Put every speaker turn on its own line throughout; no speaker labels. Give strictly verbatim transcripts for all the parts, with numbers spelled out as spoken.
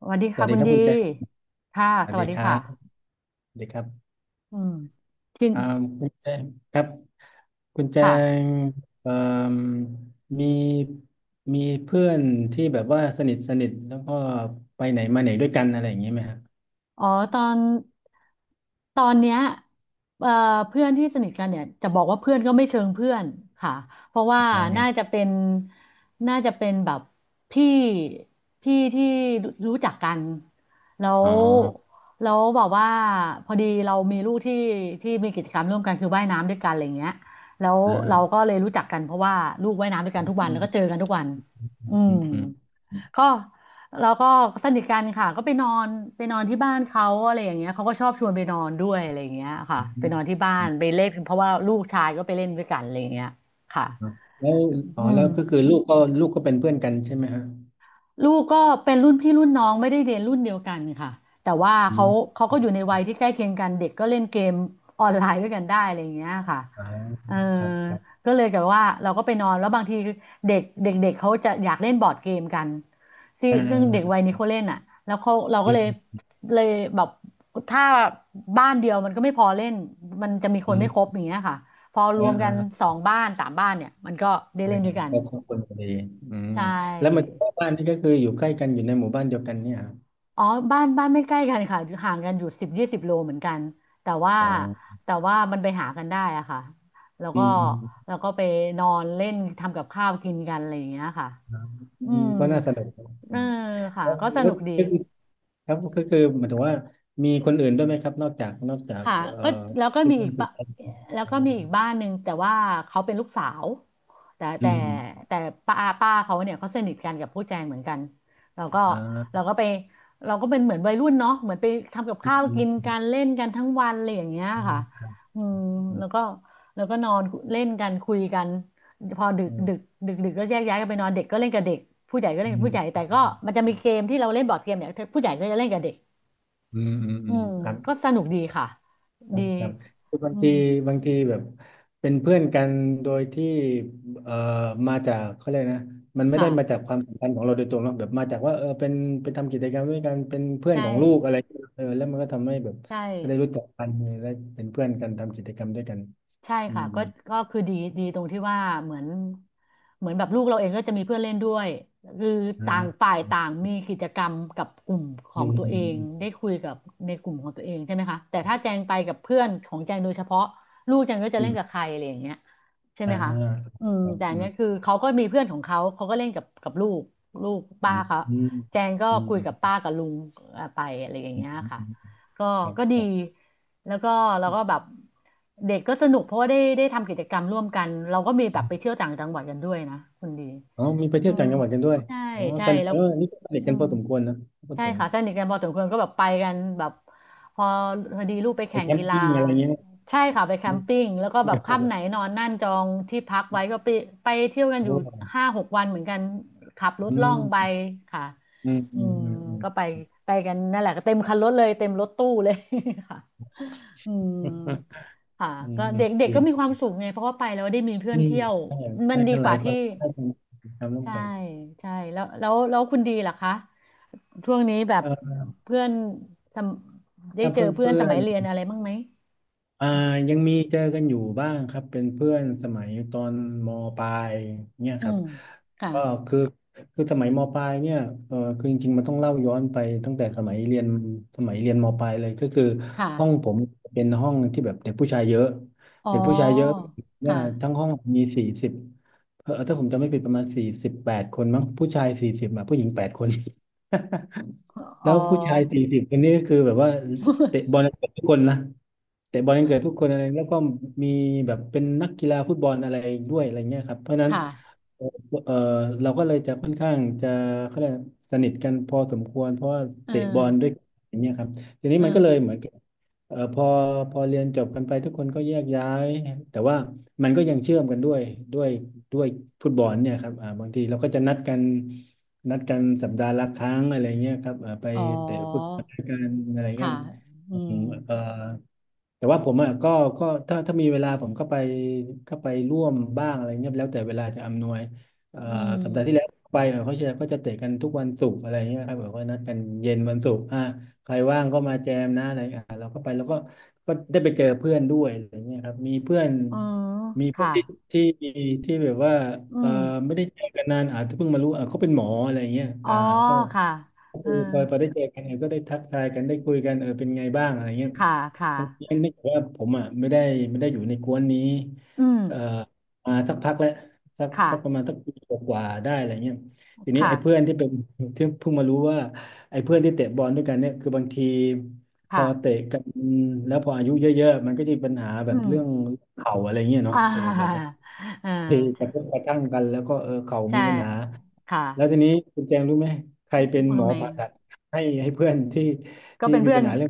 สวัสดี
ส
ค่ะ
วัสดี
คุณ
ครับ
ดี
คุณแจง
ค่ะ
สวั
ส
สดี
วัสดี
ครับ
ค่ะ
สวัสดีครับ
อืมทีน
อ่าคุณแจงครับคุณแจ
ค่ะ
งเอ่มมีมีเพื่อนที่แบบว่าสนิทสนิทแล้วก็ไปไหนมาไหนด้วยกันอะไรอย่างนี้ไหมครับ
อ๋อตอนตอนเนี้ยเอ่อเพื่อนที่สนิทกันเนี่ยจะบอกว่าเพื่อนก็ไม่เชิงเพื่อนค่ะเพราะว่า
อ๋อยั
น่า
ง
จะเป็นน่าจะเป็นแบบพี่พี่ที่รู้จักกันแล้
อ๋อ
วแล้วบอกว่าพอดีเรามีลูกที่ที่มีกิจกรรมร่วมกันคือว่ายน้ำด้วยกันอะไรเงี้ยแล้ว
อ่
เราก็
า
เลยรู้จักกันเพราะว่าลูกว่ายน้ำด้วยกันทุกวัน
อื
แล้ว
ม
ก็เจอกันทุกวัน
อื
อื
มอื
ม
มอืม
ก็เราก็สนิทกันค่ะก็ไปนอนไปนอนที่บ้านเขาอะไรอย่างเงี้ยเขาก็ชอบชวนไปนอนด้วยอะไรอย่างเงี้ยค่ะ
อืมอื
ไป
ม
นอนที่บ้า
อื
น
ม
ไปเล่นเพราะว่าลูกชายก็ไปเล่นด้วยกันอะไรอย่างเงี้ยค่ะ
แล้วอ๋
อื
อ
ม
แล้วก็คือลูกก็ลูกก็เป็นเพื่อนกันใช่ไหมฮะ
ลูกก็เป็นรุ่นพี่รุ่นน้องไม่ได้เรียนรุ่นเดียวกันค่ะแต่ว่า
อื
เขา
ม
เขาก็อยู่ในวัยที่ใกล้เคียงกันเด็กก็เล่นเกมออนไลน์ด้วยกันได้อะไรอย่างเงี้ยค่ะ
อ่า
เออ
ครับ ครับ
ก็เลยกบบว่าเราก็ไปนอนแล้วบางทีเด็กเด็กเด็กเขาจะอยากเล่นบอร์ดเกมกันซึ่ง
อ่
ซึ่งเด็กวัย
า
นี้เขาเล่นอ่ะแล้วเขาเราก็
อื
เลย
ม
เลยแบบถ้าบ้านเดียวมันก็ไม่พอเล่นมันจะมีค
อื
นไม่ครบ
ม
อย่างเงี้ยค่ะพอร
อ่า
วมกันส
อ่า
องบ้านสามบ้านเนี่ยมันก็ได้
ใช่
เล่น
ค
ด้
รั
ว
บ
ยกัน
ก็ครอบครัวพอดีอืม
ใช
แล้วอมาม
่
เจากบ้านนี่ก็คืออยู่ใกล้กันอยู่ในหมู่บ้านเดียวกันเนี่ยครับ
อ๋อบ้านบ้านไม่ใกล้กันค่ะห่างกันอยู่สิบยี่สิบโลเหมือนกันแต่ว่า
อ๋อ
แต่ว่ามันไปหากันได้อะค่ะแล้ว
อื
ก็
ม
แล้วก็ไปนอนเล่นทำกับข้าวกินกันอะไรอย่างเงี้ยค่ะ
ครับอื
อื
ม
ม
ก็น่าสนุกครับ
เอ
อื
อ
ม
ค่ะ
แล้ว
ก็ส
แล้ว
นุก
ก็
ดี
คือครับก็คือหมายถึงว่ามีคนอื่นด้วยไหมครับนอกจากนอกจาก
ค่ะ
เอ่อ
ก็แล้วก็
ที่
มีอี
บ้า
ก
นคุ
บ้า
ณแอน
แล้ว
อ๋อ
ก็มีอีกบ้านหนึ่งแต่ว่าเขาเป็นลูกสาวแต่
อื
แต่
ม
แต่ป้าป้าเขาเนี่ยเขาสนิทกันกับผู้แจงเหมือนกันเราก็
อ
เรา
่า
ก็ไปเราก็เป็นเหมือนวัยรุ่นเนาะเหมือนไปทำกับ
อื
ข้าว
ม
กิน
อ
กันเล่นกันทั้งวันอะไรอย่างเงี้ย
ื
ค่ะ
ม
อืม
อื
แล้
ม
วก็แล้วก็นอนเล่นกันคุยกันพอดึก
อื
ดึก
ม
ดึกดึกก็แยกย้ายกันไปนอนเด็กก็เล่นกับเด็กผู้ใหญ่ก็เล่
อื
นกับผู้ให
ม
ญ่แต่ก็มันจะมีเกมที่เราเล่นบอร์ดเกมเนี่ยผู้ใหญ่ก็จะเล่นกับเด็ก
อืมอืมอืมอื
อื
ม
ม
ครับ
ก็สนุกดีค่ะดี
ครับคือบา
อื
งที
ม
บางทีแบบเป็นเพื่อนกันโดยที่เอ่อมาจากเขาเรียกนะมันไม่ได้มาจาก
ค่ะ
ความสัมพันธ์ของเราโดยตรงหรอกแบบมาจากว่าเออเป็นเป็นทำกิจกรรมด้วยกันเป็นเพื่อน
ใช่
ของลูกอะไรเออแล้วมันก็ทำให้แบบ
ใช่
ก็ได้รู้จักกันและเป็นเพื่อนกันทำกิจกรรมด้วยกัน
ใช่
อื
ค่ะ
ม
ก็ก็คือดีดีตรงที่ว่าเหมือนเหมือนแบบลูกเราเองก็จะมีเพื่อนเล่นด้วยคือต่าง
อ่า
ฝ่ายต่างมีกิจกรรมกับกลุ่มขอ
อื
ง
ม
ตัว
อื
เองได้
ม
คุยกับในกลุ่มของตัวเองใช่ไหมคะแต่ถ้าแจงไปกับเพื่อนของแจงโดยเฉพาะลูกแจงก็จะ
อื
เล่นกับ
ม
ใครอะไรอย่างเงี้ยใช่ไห
อ่า
มคะอืม
ครับ
แต่อั
อื
นเนี้ย
ม
คือเขาก็มีเพื่อนของเขาเขาก็เล่นกับกับลูกลูก
อื
ป้า
ม
เขา
อืม
แจงก็
อื
คุยกับป้ากับลุงเอ่อไปอะไรอย่าง
ม
เงี้ยค่ะ
อืม
ก็
ครับ
ก็
ค
ดี
รับ
แล้วก็เราก็แบบเด็กก็สนุกเพราะว่าได้ได้ทำกิจกรรมร่วมกันเราก็มีแบบไปเที่ยวต่างจังหวัดกันด้วยนะคุณดี
อ๋อมีไป
อื
เที่ยวต่า
ม
งจังหวัดกันด้วย
ใช่
อ๋อ
ใช่
สนิท
แล้ว
เออนี่ก็สนิท
อื
กัน
ม
พอสมควรนะพูด
ใช่
ถึง
ค่ะสนิทกันพอสมควรก็แบบไปกันแบบพอพอดีลูกไป
ไป
แข่ง
แคม
กีฬา
ปิ้งอะไรเงี้ยเ
ใช่ค่ะไปแคมปิ้งแล้วก็แบ
นี่
บ
ยครับผ
ค่ำ
ม
ไหนนอนนั่นจองที่พักไว้ก็ไปไปเที่ยวกันอยู่
โอ้
ห้าหกวันเหมือนกันขับรถ
อื
ล่อง
ม
ไปค่ะ
อืม
อื
อืม
ม
อืมอืม
ก็ไปไปกันนั่นแหละก็เต็มคันรถเลยเต็มรถตู้เลย ค่ะอืมค่ะ
อืม
ก็
อื
เด็
ม
กเด็ก
ดี
ก็มีความสุขไงเพราะว่าไปแล้วได้มีเพื่อ
อื
น
ม
เที่ยวมั
ไป
นดี
กันห
ก
ลาย
ว่า
ค
ที่
นก็ได้ทำรร่วม
ใช่
กัน
ใช่แล้วแล้วแล้วคุณดีล่ะคะ ช่วงนี้แบบ
เออ
เพื่อนทำได้
ถ้า
เจอ
เพื่อน
เพื่อน
เพื่
ส
อ
มั
น
ยเรียนอะไรบ้างไหม
อ่ายังมีเจอกันอยู่บ้างครับเป็นเพื่อนสมัยตอนมปลายเนี่ย
อื
ครับ
มค่ะ
ก็คือคือสมัยมปลายเนี่ยเออคือจริงๆมันต้องเล่าย้อนไปตั้งแต่สมัยเรียนสมัยเรียนมปลายเลยก็คือ
ค่ะ
ห้องผมเป็นห้องที่แบบเด็กผู้ชายเยอะ
อ๋อ
เด็กผู้ชายเยอะ
ค่ะ
ว่าทั้งห้องมีสี่สิบเออถ้าผมจำไม่ผิดประมาณสี่สิบแปดคนมั้งผู้ชายสี่สิบอ่ะผู้หญิงแปดคน
อ๋
แล้
อ
วผู้ชายสี่สิบคนนี้ก็คือแบบว่า เตะบอลกันเกิดทุกคนนะเตะบอลกันเกิดทุกคนอะไรแล้วก็มีแบบเป็นนักกีฬาฟุตบอลอะไรด้วยอะไรเงี้ยครับเพราะฉะนั้น
ค่ะ
เออเออเราก็เลยจะค่อนข้างจะเขาเรียกสนิทกันพอสมควรเพราะว่า
เออ
เตะบอลด้วยกันอย่างเงี้ยครับทีนี้
เอ
มันก็
อ
เลยเหมือนกับเออพอพอเรียนจบกันไปทุกคนก็แยกย้ายแต่ว่ามันก็ยังเชื่อมกันด้วยด้วยด้วยฟุตบอลเนี่ยครับอ่าบางทีเราก็จะนัดกันนัดกันสัปดาห์ละครั้งอะไรเงี้ยครับเอ่อไป
อ๋อ
เตะฟุตบอลด้วยกันอะไรเงี้ย
ค่ะอื
อื
ม
มเอ่อแต่ว่าผมอ่ะก็ก็ถ้าถ้ามีเวลาผมก็ไปก็ไปร่วมบ้างอะไรเงี้ยแล้วแต่เวลาจะอำนวยเอ่อ
อืม
สัปดาห์ที่แล้วไปเอ่อเขาจะก็จะเตะกันทุกวันศุกร์อะไรเงี้ยครับแบบว่านัดกันเย็นวันศุกร์อ่ะใครว่างก็มาแจมนะอะไรอ่ะเราก็ไปแล้วก็ก็ได้ไปเจอเพื่อนด้วยอะไรเงี้ยครับมีเพื่อน
อืม
มีเพื่อ
ค่ะ
นที่ที่ที่แบบว่า
อื
เอ่อ
ม
ไม่ได้เจอกันนานอาจจะเพิ่งมารู้อ่ะเขาเป็นหมออะไรเงี้ย
อ๋อ
อ่าก็
ค่ะเออ
คือพอพอได้เจอกันเนี่ยก็ได้ทักทายกันได้คุยกันเออเป็นไงบ้างอะไรเงี้ย
ค่ะค่ะ
บางทีนึกว่าผมอ่ะไม่ได้ไม่ได้อยู่ในกวนนี้
อืม
เอ่อมาสักพักแล้วสัก
ค่ะ
สักประมาณสักปีกว่าๆได้อะไรเงี้ยทีนี้
ค่ะ
ไอ้เพื่อนที่เป็นที่เพิ่งมารู้ว่าไอ้เพื่อนที่เตะบอลด้วยกันเนี่ยคือบางทีพอ
ค่ะ
เตะกันแล้วพออายุเยอะๆมันก็จะมีปัญหาแบ
อื
บ
ม
เรื่องเข่าอะไรเงี้ยเนาะ
อ่า
เออ แบบ
อ่า
ตีก
ใช่
ระทบกระทั่งกันแล้วก็เออเข่ามี
ใช่
ปัญหา
ค่ะ
แล้วทีนี้คุณแจงรู้ไหมใครเป็นหม
ทำ
อ
ไม
ผ่า
อะ
ตัดให้ให้เพื่อนที่
ก็
ที่
เป็น
มี
เพื่อ
ปั
น
ญหาเรื่อง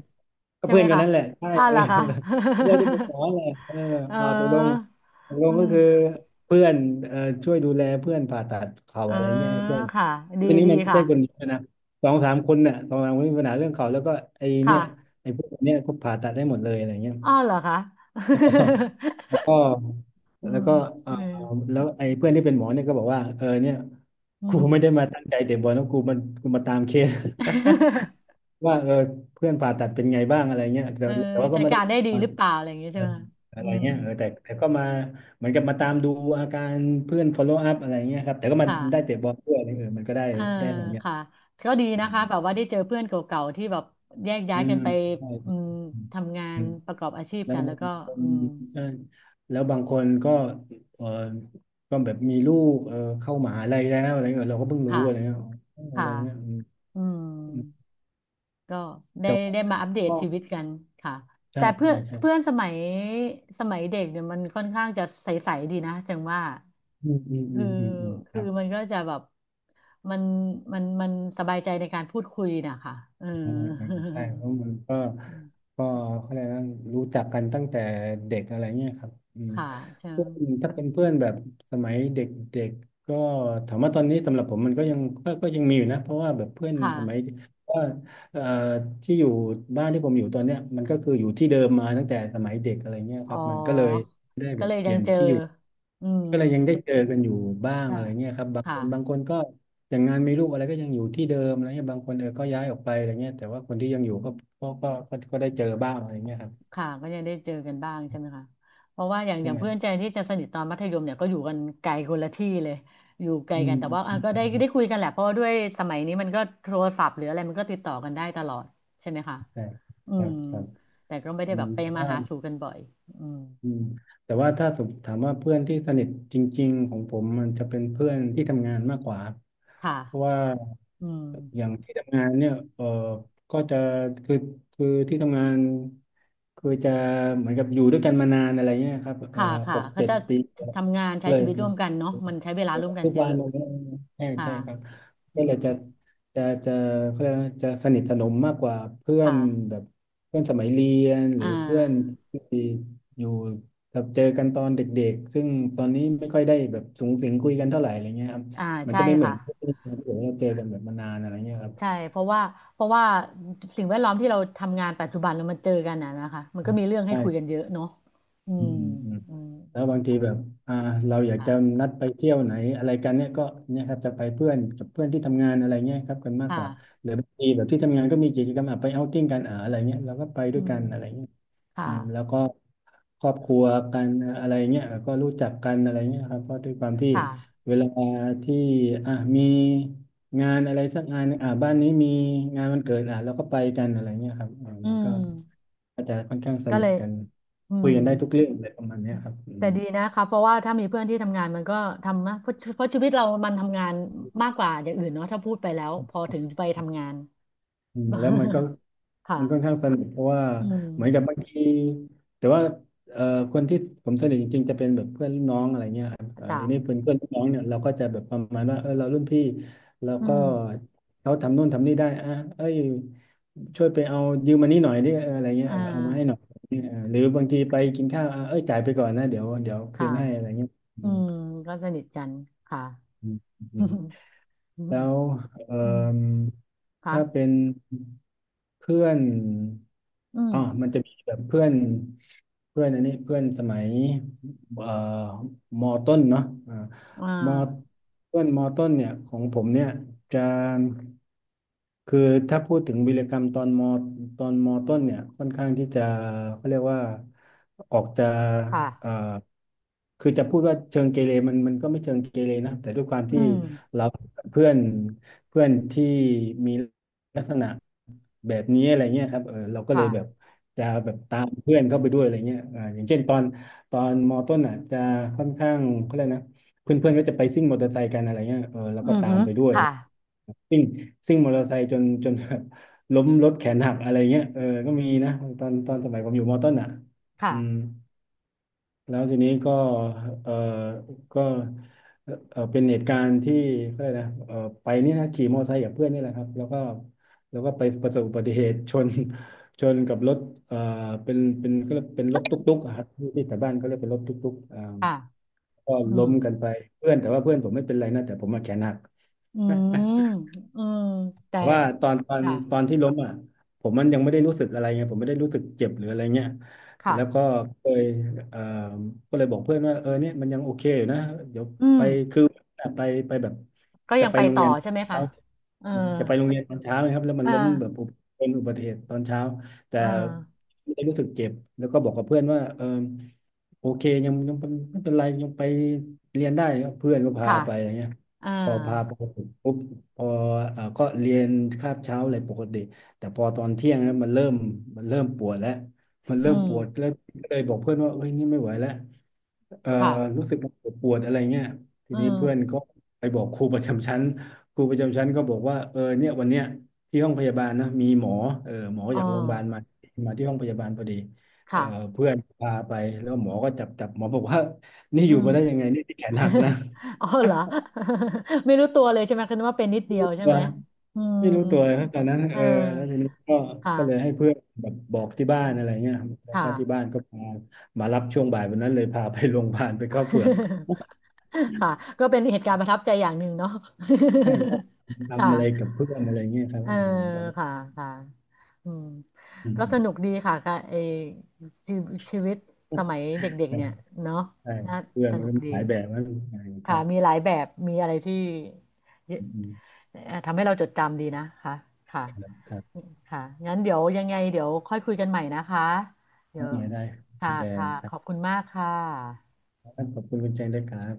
ก็
ใช่
เพื่
ไหม
อนกัน
คะ
นั่นแหละใช่
อ่าล่ะคะ
เออเพื่อนที่เป็นหม อแหละเออ
เ
เอาตกลง
ออ
ตกล
อื
งก็
ม
คือเพื่อนเอ่อช่วยดูแลเพื่อนผ่าตัดเข่า
เออ
อะไรเงี้ยให้เพื่อน
ค่ะดี
ทีนี้
ดี
มันไม่
ค่ะ
ใช่คนเดียวนะสองสามคนน่ะสองสามคนมีปัญหาเรื่องเข่าแล้วก็ไอ้เนี่
ค่ะ
ยไอ้พวกเนี้ยก็ผ่าตัดได้หมดเลยอะไรเงี้ย
อ้าวเหรอคะ
แล้วก็
อื
แล้ว
ม
ก็เออ
เออ
แล้วไอ้เพื่อนที่เป็นหมอเนี่ยก็บอกว่าเออเนี่ย
อื
กู
ม
ไม่ได้มาตั้งใจเตะบอลนะกูมันกูมาตามเคส ว่าเออเพื่อนผ่าตัดเป็นไงบ้างอะไรเงี้ยแต่
เออ
แต่ว่าก็
จัด
ไม่ได้
การได้ดีหรือเปล่าอะไรอย่างเงี้ย
เอ
ใช่
อ
ไหมคะ
อะ
อื
ไร
ม
เงี้ยเออแต่แต่ก็มาเหมือนกับมาตามดูอาการเพื่อน follow up อะไรเงี้ยครับแต่ก็มา
ค่ะ
ได้เตะบอลด้วยเออมันก็ได้
เออ
ได้ของอย่าง
ค่ะก็ดีนะคะแบบว่าได้เจอเพื่อนเก่าๆที่แบบแยกย้า
อื
ยกั
ม
นไป
ใช่
อืมทำงา
อื
น
ม
ประกอบอาชีพ
แล้ว
กันแล้
บาง
ว
ค
ก็
น
อืม
ใช่แล้วบางคนก็เออก็แบบมีลูกเออเข้ามหาลัยแล้วอะไรเงี้ยเราก็เพิ่งรู้
ค่ะ
อะไรเงี้ยอ๋ออะ
ค่ะ
ไรเงี้ยอืม
อืม
อืม
ก็ได้
แต่ว่า
ได้มาอัปเดต
ก็
ชีวิตกันค่ะ
ใช่
แต่เพื่อ
ใช่
น
ใช่
เพื่อนสมัยสมัยเด็กเนี่ยมันค่อนข้างจะใสๆดีนะจังว่า
อืมอืมอื
คือ
มอืมอืมค
คือ
รับ
มันก็จะแบบมันมันมันสบายใจในการพูดคุยนะคะเออ
อ่าอ่า ใช่เพราะมันก็
อืม
ก็เขาเรียกว่ารู้จักกันตั้งแต่เด็กอะไรเงี้ยครับอืม
ค่ะใช่
เพื่อนถ้า
อื
เป็
ม
นเพื่อนแบบสมัยเด็กเด็กก็ถามว่าตอนนี้สำหรับผมมันก็ยังก็ก็ยังมีอยู่นะเพราะว่าแบบเพื่อน
ค
สมัย
่ะ
ว่าเอ่อที่อยู่บ้านที่ผมอยู่ตอนเนี้ยมันก็คืออยู่ที่เดิมมาตั้งแต่สมัยเด็กอะไรเงี้ย
อ๋
ค
อ
รับมันก็เลย ได้
ก็
แบบ
เลย
เป
ยั
ลี่
ง
ยน
เจอ
ที่อยู่
อืม
ก็เลยยังได้เจอกันอยู่บ้าง
ค่ะ
อะไรเงี้ยครับบาง
ค่ะ
คนบางคนก็อย่างงานมีลูกอะไรก็ยังอยู่ที่เดิมอะไรเงี้ยบางคนเออก็ย้ายออกไปอะไรเงี้ยแต่ว่าคนที่ยังอยู่ก็ก็ก็ก็ก็ได้เจอบ้างอะไรเงี้ยครับ
ค่ะก็ยังได้เจอกันบ้างใช่ไหมคะเพราะว่าอย่างอย่างเพื่อนใจ
ใช่
ที่จะสนิทตอนมัธยมเนี่ยก็อยู่กันไกลคนละที่เลยอยู่ไกล
อื
กัน
ม
แต่ว่าอ่ะ
อืม
ก็
อื
ได้
ม
ได้คุยกันแหละเพราะว่าด้วยสมัยนี้มันก็โทรศัพท์หรืออะไรมันก็ติดต่อกันได้ตลอดใช่ไหมคะ
ใช่
อื
ครั
ม
บครับ
แต่ก็ไม่
อื
ได้แบบไปมาหา
ม
สู่กันบ่อยอืม
อืมแต่ว่าถ้าสมถามว่าเพื่อนที่สนิทจริงๆของผมมันจะเป็นเพื่อนที่ทำงานมากกว่าครับ
ค่ะ
เพราะว่า
อืม
อย่างที่ทำงานเนี่ยเออก็จะคือคือที่ทำงานคือจะเหมือนกับอยู่ด้วยกันมานานอะไรเงี้ยครับเออ
ค่ะค่ะ
หก
เขา
เจ็ด
จะ
ปี
ทำงานใช้
เล
ชี
ย
วิต
มั
ร่ว
น
มกันเนาะมันใช้เวลาร่วมกัน
ทุก
เย
วั
อะ
นมันกใช่
ค่ะ
ใช่ครับ
อื
ก็เล
ม
ยจะจะจะเขาเรียกว่าจะสนิทสนมมากกว่าเพื่อน
ค่ะ
แบบเพื่อนสมัยเรียนห
อ่
รือเพื่อน
า
ที่ อยู่แบบเจอกันตอนเด็กๆ ซึ่งตอนนี้ไม่ค่อยได้แบบสูงสิงคุยกันเท่าไหร่อะไรเงี้ยครับ
อ่า
มัน
ใช่
จะไม่เหมือ
ค่ะ
นที่เราเจอกันแบบมานานอะไรเงี้ยครับ
ใช่เพราะว่าเพราะว่าสิ่งแวดล้อมที่เราทำงานปัจจุบันแล้วมันเจอกันน่ะนะคะมันก็มีเรื่องให้คุยกัน
ใช่
เยอะเนาะอื
อื
ม
ม
อืม
แล้วบางทีแบบอ่าเราอยากจะ
ค่ะ
นัดไปเที่ยวไหนอะไรกันเนี่ยก็เนี่ยครับจะไปเพื่อนกับเพื่อนที่ทำงานอะไรเงี้ยครับกันมา
ค
กกว่า
่ะ
หรือบางทีแบบที่ทำงานก็มีกิจกรรมอ่ะไปเอาท์ติ้งกันอ่าอะไรเงี้ยเราก็ไป
อื
ด้วยกั
ม
นอะไรเงี้ย
ค่ะ
อืมแล้วก็ครอบครัวกันอะไรเงี้ยก็รู้จักกันอะไรเงี้ยครับเพราะด้วยความที่
ค่ะ
เวลาที่อ่ะมีงานอะไรสักงานหนึ่งอ่ะบ้านนี้มีงานวันเกิดอ่ะเราก็ไปกันอะไรเงี้ยครับอ่า
อื
มันก็
ม
ก็จะค่อนข้างส
ก็
นิ
เล
ท
ย
กัน
อื
คุย
ม
กันได้ทุกเรื่องอะไรประมาณเนี้ยครับอื
แต่
ม
ดีนะคะเพราะว่าถ้ามีเพื่อนที่ทำงานมันก็ทำนะเพราะเพราะชีวิตเรามันทำงานมากกว่าอย่างอื่นเนาะถ้าพูดไปแล้วพอถึงไปทำงาน
อืมแล้วมันก็
ค่ะ
มันค่อนข้างสนุกเพราะว่า
อืม
เหมือนกับบางทีแต่ว่าเอ่อคนที่ผมสนิทจริงๆจะเป็นแบบเพื่อนรุ่นน้องอะไรเงี้ยครับเอ่อ
จ้า
ทีนี้เพื่อนเพื่อนรุ่นน้องเนี่ยเราก็จะแบบประมาณว่าเออเรารุ่นพี่เรา
อื
ก็
ม
เขาทำนู่นทำนี่ได้อ่ะเอ้ยช่วยไปเอายืมมานี่หน่อยดิเอออะไรเงี้ย
อ่
เออเอามาให้หน่อ
า
ยเออหรือบางทีไปกินข้าวอ่ะเอ้ยจ่ายไปก่อนนะเดี๋ยวเดี๋ยวคื
ค่ะ
นให้อะไรเงี้ยอื
อื
ม
มก็สนิทกันค่ะ
อื
อื
ม
มอืม
แล้วเอ่
อืม
ม
ค่ะ
ถ้าเป็นเพื่อน
อืม
อ๋อมันจะมีแบบเพื่อนเพื่อนอันนี้เพื่อนสมัยเอ่อมอต้นเนาะ
อ่
มอ
า
ต้นมอต้นเนี่ยของผมเนี่ยจะคือถ้าพูดถึงวีรกรรมตอนมอตอนมอต้นเนี่ยค่อนข้างที่จะเขาเรียกว่าออกจะเอ่อ
ค่ะ
คือจะพูดว่าเชิงเกเรมันมันก็ไม่เชิงเกเรนะแต่ด้วยความ
อื
ที่
ม
เราเพื่อนเพื่อนที่มีลักษณะแบบนี้อะไรเงี้ยครับเออเราก็เล
ค่ะ
ยแบบจะแบบตามเพื่อนเข้าไปด้วยอะไรเงี้ยอ่าอย่างเช่นตอนตอนมอต้นอ่ะจะค่อนข้างเขาเรียกนะ เพื่อนๆก็จะไปซิ่งมอเตอร์ไซค์กันอะไรเงี้ยเออแล้ว
อื
ก็
ม
ตา
ฮึ
มไปด้วย
ค่ะ
ซิ่งซิ่งมอเตอร์ไซค์จนจน แบบล้มรถแขนหักอะไรเงี้ยเออก็มีนะตอนตอนสมัยผมอยู่มอต้นอ่ะ
ค่ะ
อืมแล้วทีนี้ก็เออก็เออเป็นเหตุการณ์ที่ก็เลยกอะไรนะเออไปนี่นะขี่มอเตอร์ไซค์กับเพื่อนนี่แหละครับแล้วก็แล้วก็ไปประสบอุบัติเหตุชน ชนกับรถเอ่อเป็นเป็นก็เรียกเป็นรถตุ๊กๆอะครับที่แถวบ้านก็เรียกเป็นรถตุ๊กๆอ่า
ค่ะ
ก็
อืม
ล้มกันไปเพื่อนแต่ว่าเพื่อนผมไม่เป็นไรนะแต่ผมมาแขนหัก
อื
นะ
มอืมแต่
เพราะว่าตอนตอน
ค่ะ
ตอนที่ล้มอ่ะผมมันยังไม่ได้รู้สึกอะไรไงผมไม่ได้รู้สึกเจ็บหรืออะไรเงี้ย
ค่ะ
แล้วก็เคยเอ่อก็เลยบอกเพื่อนว่าเออเนี่ยมันยังโอเคอยู่นะเดี๋ยว
อื
ไป
ม
คือไปไปแบบ
ก็
จะ
ยัง
ไป
ไป
โรง
ต่อ
เรียน
ใช่ไหมคะ
เช้า
เออ
จะไปโรงเรียนตอนเช้านะครับแล้วมั
เอ
น
อ
ล้มแบบอุบเป็นอุบัติเหตุตอนเช้าแต่
เออ
ไม่ได้รู้สึกเจ็บแล้วก็บอกกับเพื่อนว่าเออ โอเคยังยังเป็นไม่เป็นไรยังไปเรียนได้ครับเพื่อนก็พา
ค่ะ
ไปอะไรเงี้ย
อ่า
พอพาไปปุ๊บพอเอ่อก็เรียนคาบเช้าอะไรปกติแต่พอตอนเที่ยงแล้วมันเริ่มมันเริ่มปวดแล้วมัน
อื
เริ่ม
ม
ปวดแล้วก็เลยบอกเพื่อนว่าเอ้ยนี่ไม่ไหวแล้ว เอ่อ
ค่ะ
รู้สึกปวดปวดอะไรเงี้ยที
อื
นี้
ม
เพื่อนก็ไปบอกครูประจำชั้นครูประจำชั้นก็บอกว่าเออเนี่ยวันเนี้ยที่ห้องพยาบาลนะมีหมอเออหมอ
อ๋อ
จากโรงพยาบาลมามาที่ห้องพยาบาลพอดีเอ่
ค่ะ
อเพื่อนพาไปแล้วหมอก็จับจับหมอบอกว่านี่
อื
อยู่
ม
มาได้ยังไงนี่ที่แขน หักนะ
อ๋อเหร อ ไม่รู้ตัวเลยใช่ไหมคือนึกว่าเป็นนิด
ไม่
เดีย
รู้
วใช่
ตัว
ไหมอืม
ไม่รู้ตัวเลยครับตอนนั้น
เอ
เอ
อ
อแล้วทีนี้ก็ก็เลยให้
ค่ะ
เพื่อนแบบบอกที่บ้า
อื
น
ม
อะไรเงี้ยแล้ว
ค่ะ
ก็ที่บ้านก็พามารับช่วงบ่ายวันนั้นเลยพาไปโรงพยาบาลไปเข้าเฝือก
ค่ะก็เป็นเหตุการณ์ประทับใจอย่างหนึ่งเนาะ
ใช่ใชอ
ค่ะ
ทำอะไรกับเพื่อนอะไรเงี้ยครับ
เออ
อืมก็จะ
ค่ะค่ะอืม
อืม
ก็
อื
ส
ม
นุกดีค่ะค่ะไอชีชีวิตสมัยเด็กๆเนี่ยเนาะ
ใช่
น่า
เพื่อน
ส
มัน
นุ
ก็
ก
มี
ดี
หลายแบบนะใช่ครั
ค่ะ
บ
มีหลายแบบมีอะไรที่เยอะ
อืมอืม
เอ่อทำให้เราจดจำดีนะคะค่ะ
ครับครับ
ค่ะงั้นเดี๋ยวยังไงเดี๋ยวค่อยคุยกันใหม่นะคะเดี๋ยว
ได้ได้คุ
ค่ะ
ณแจง
ค่ะ
ค
ข
รับ
อบคุณมากค่ะ
ขอบคุณคุณแจงด้วยครับ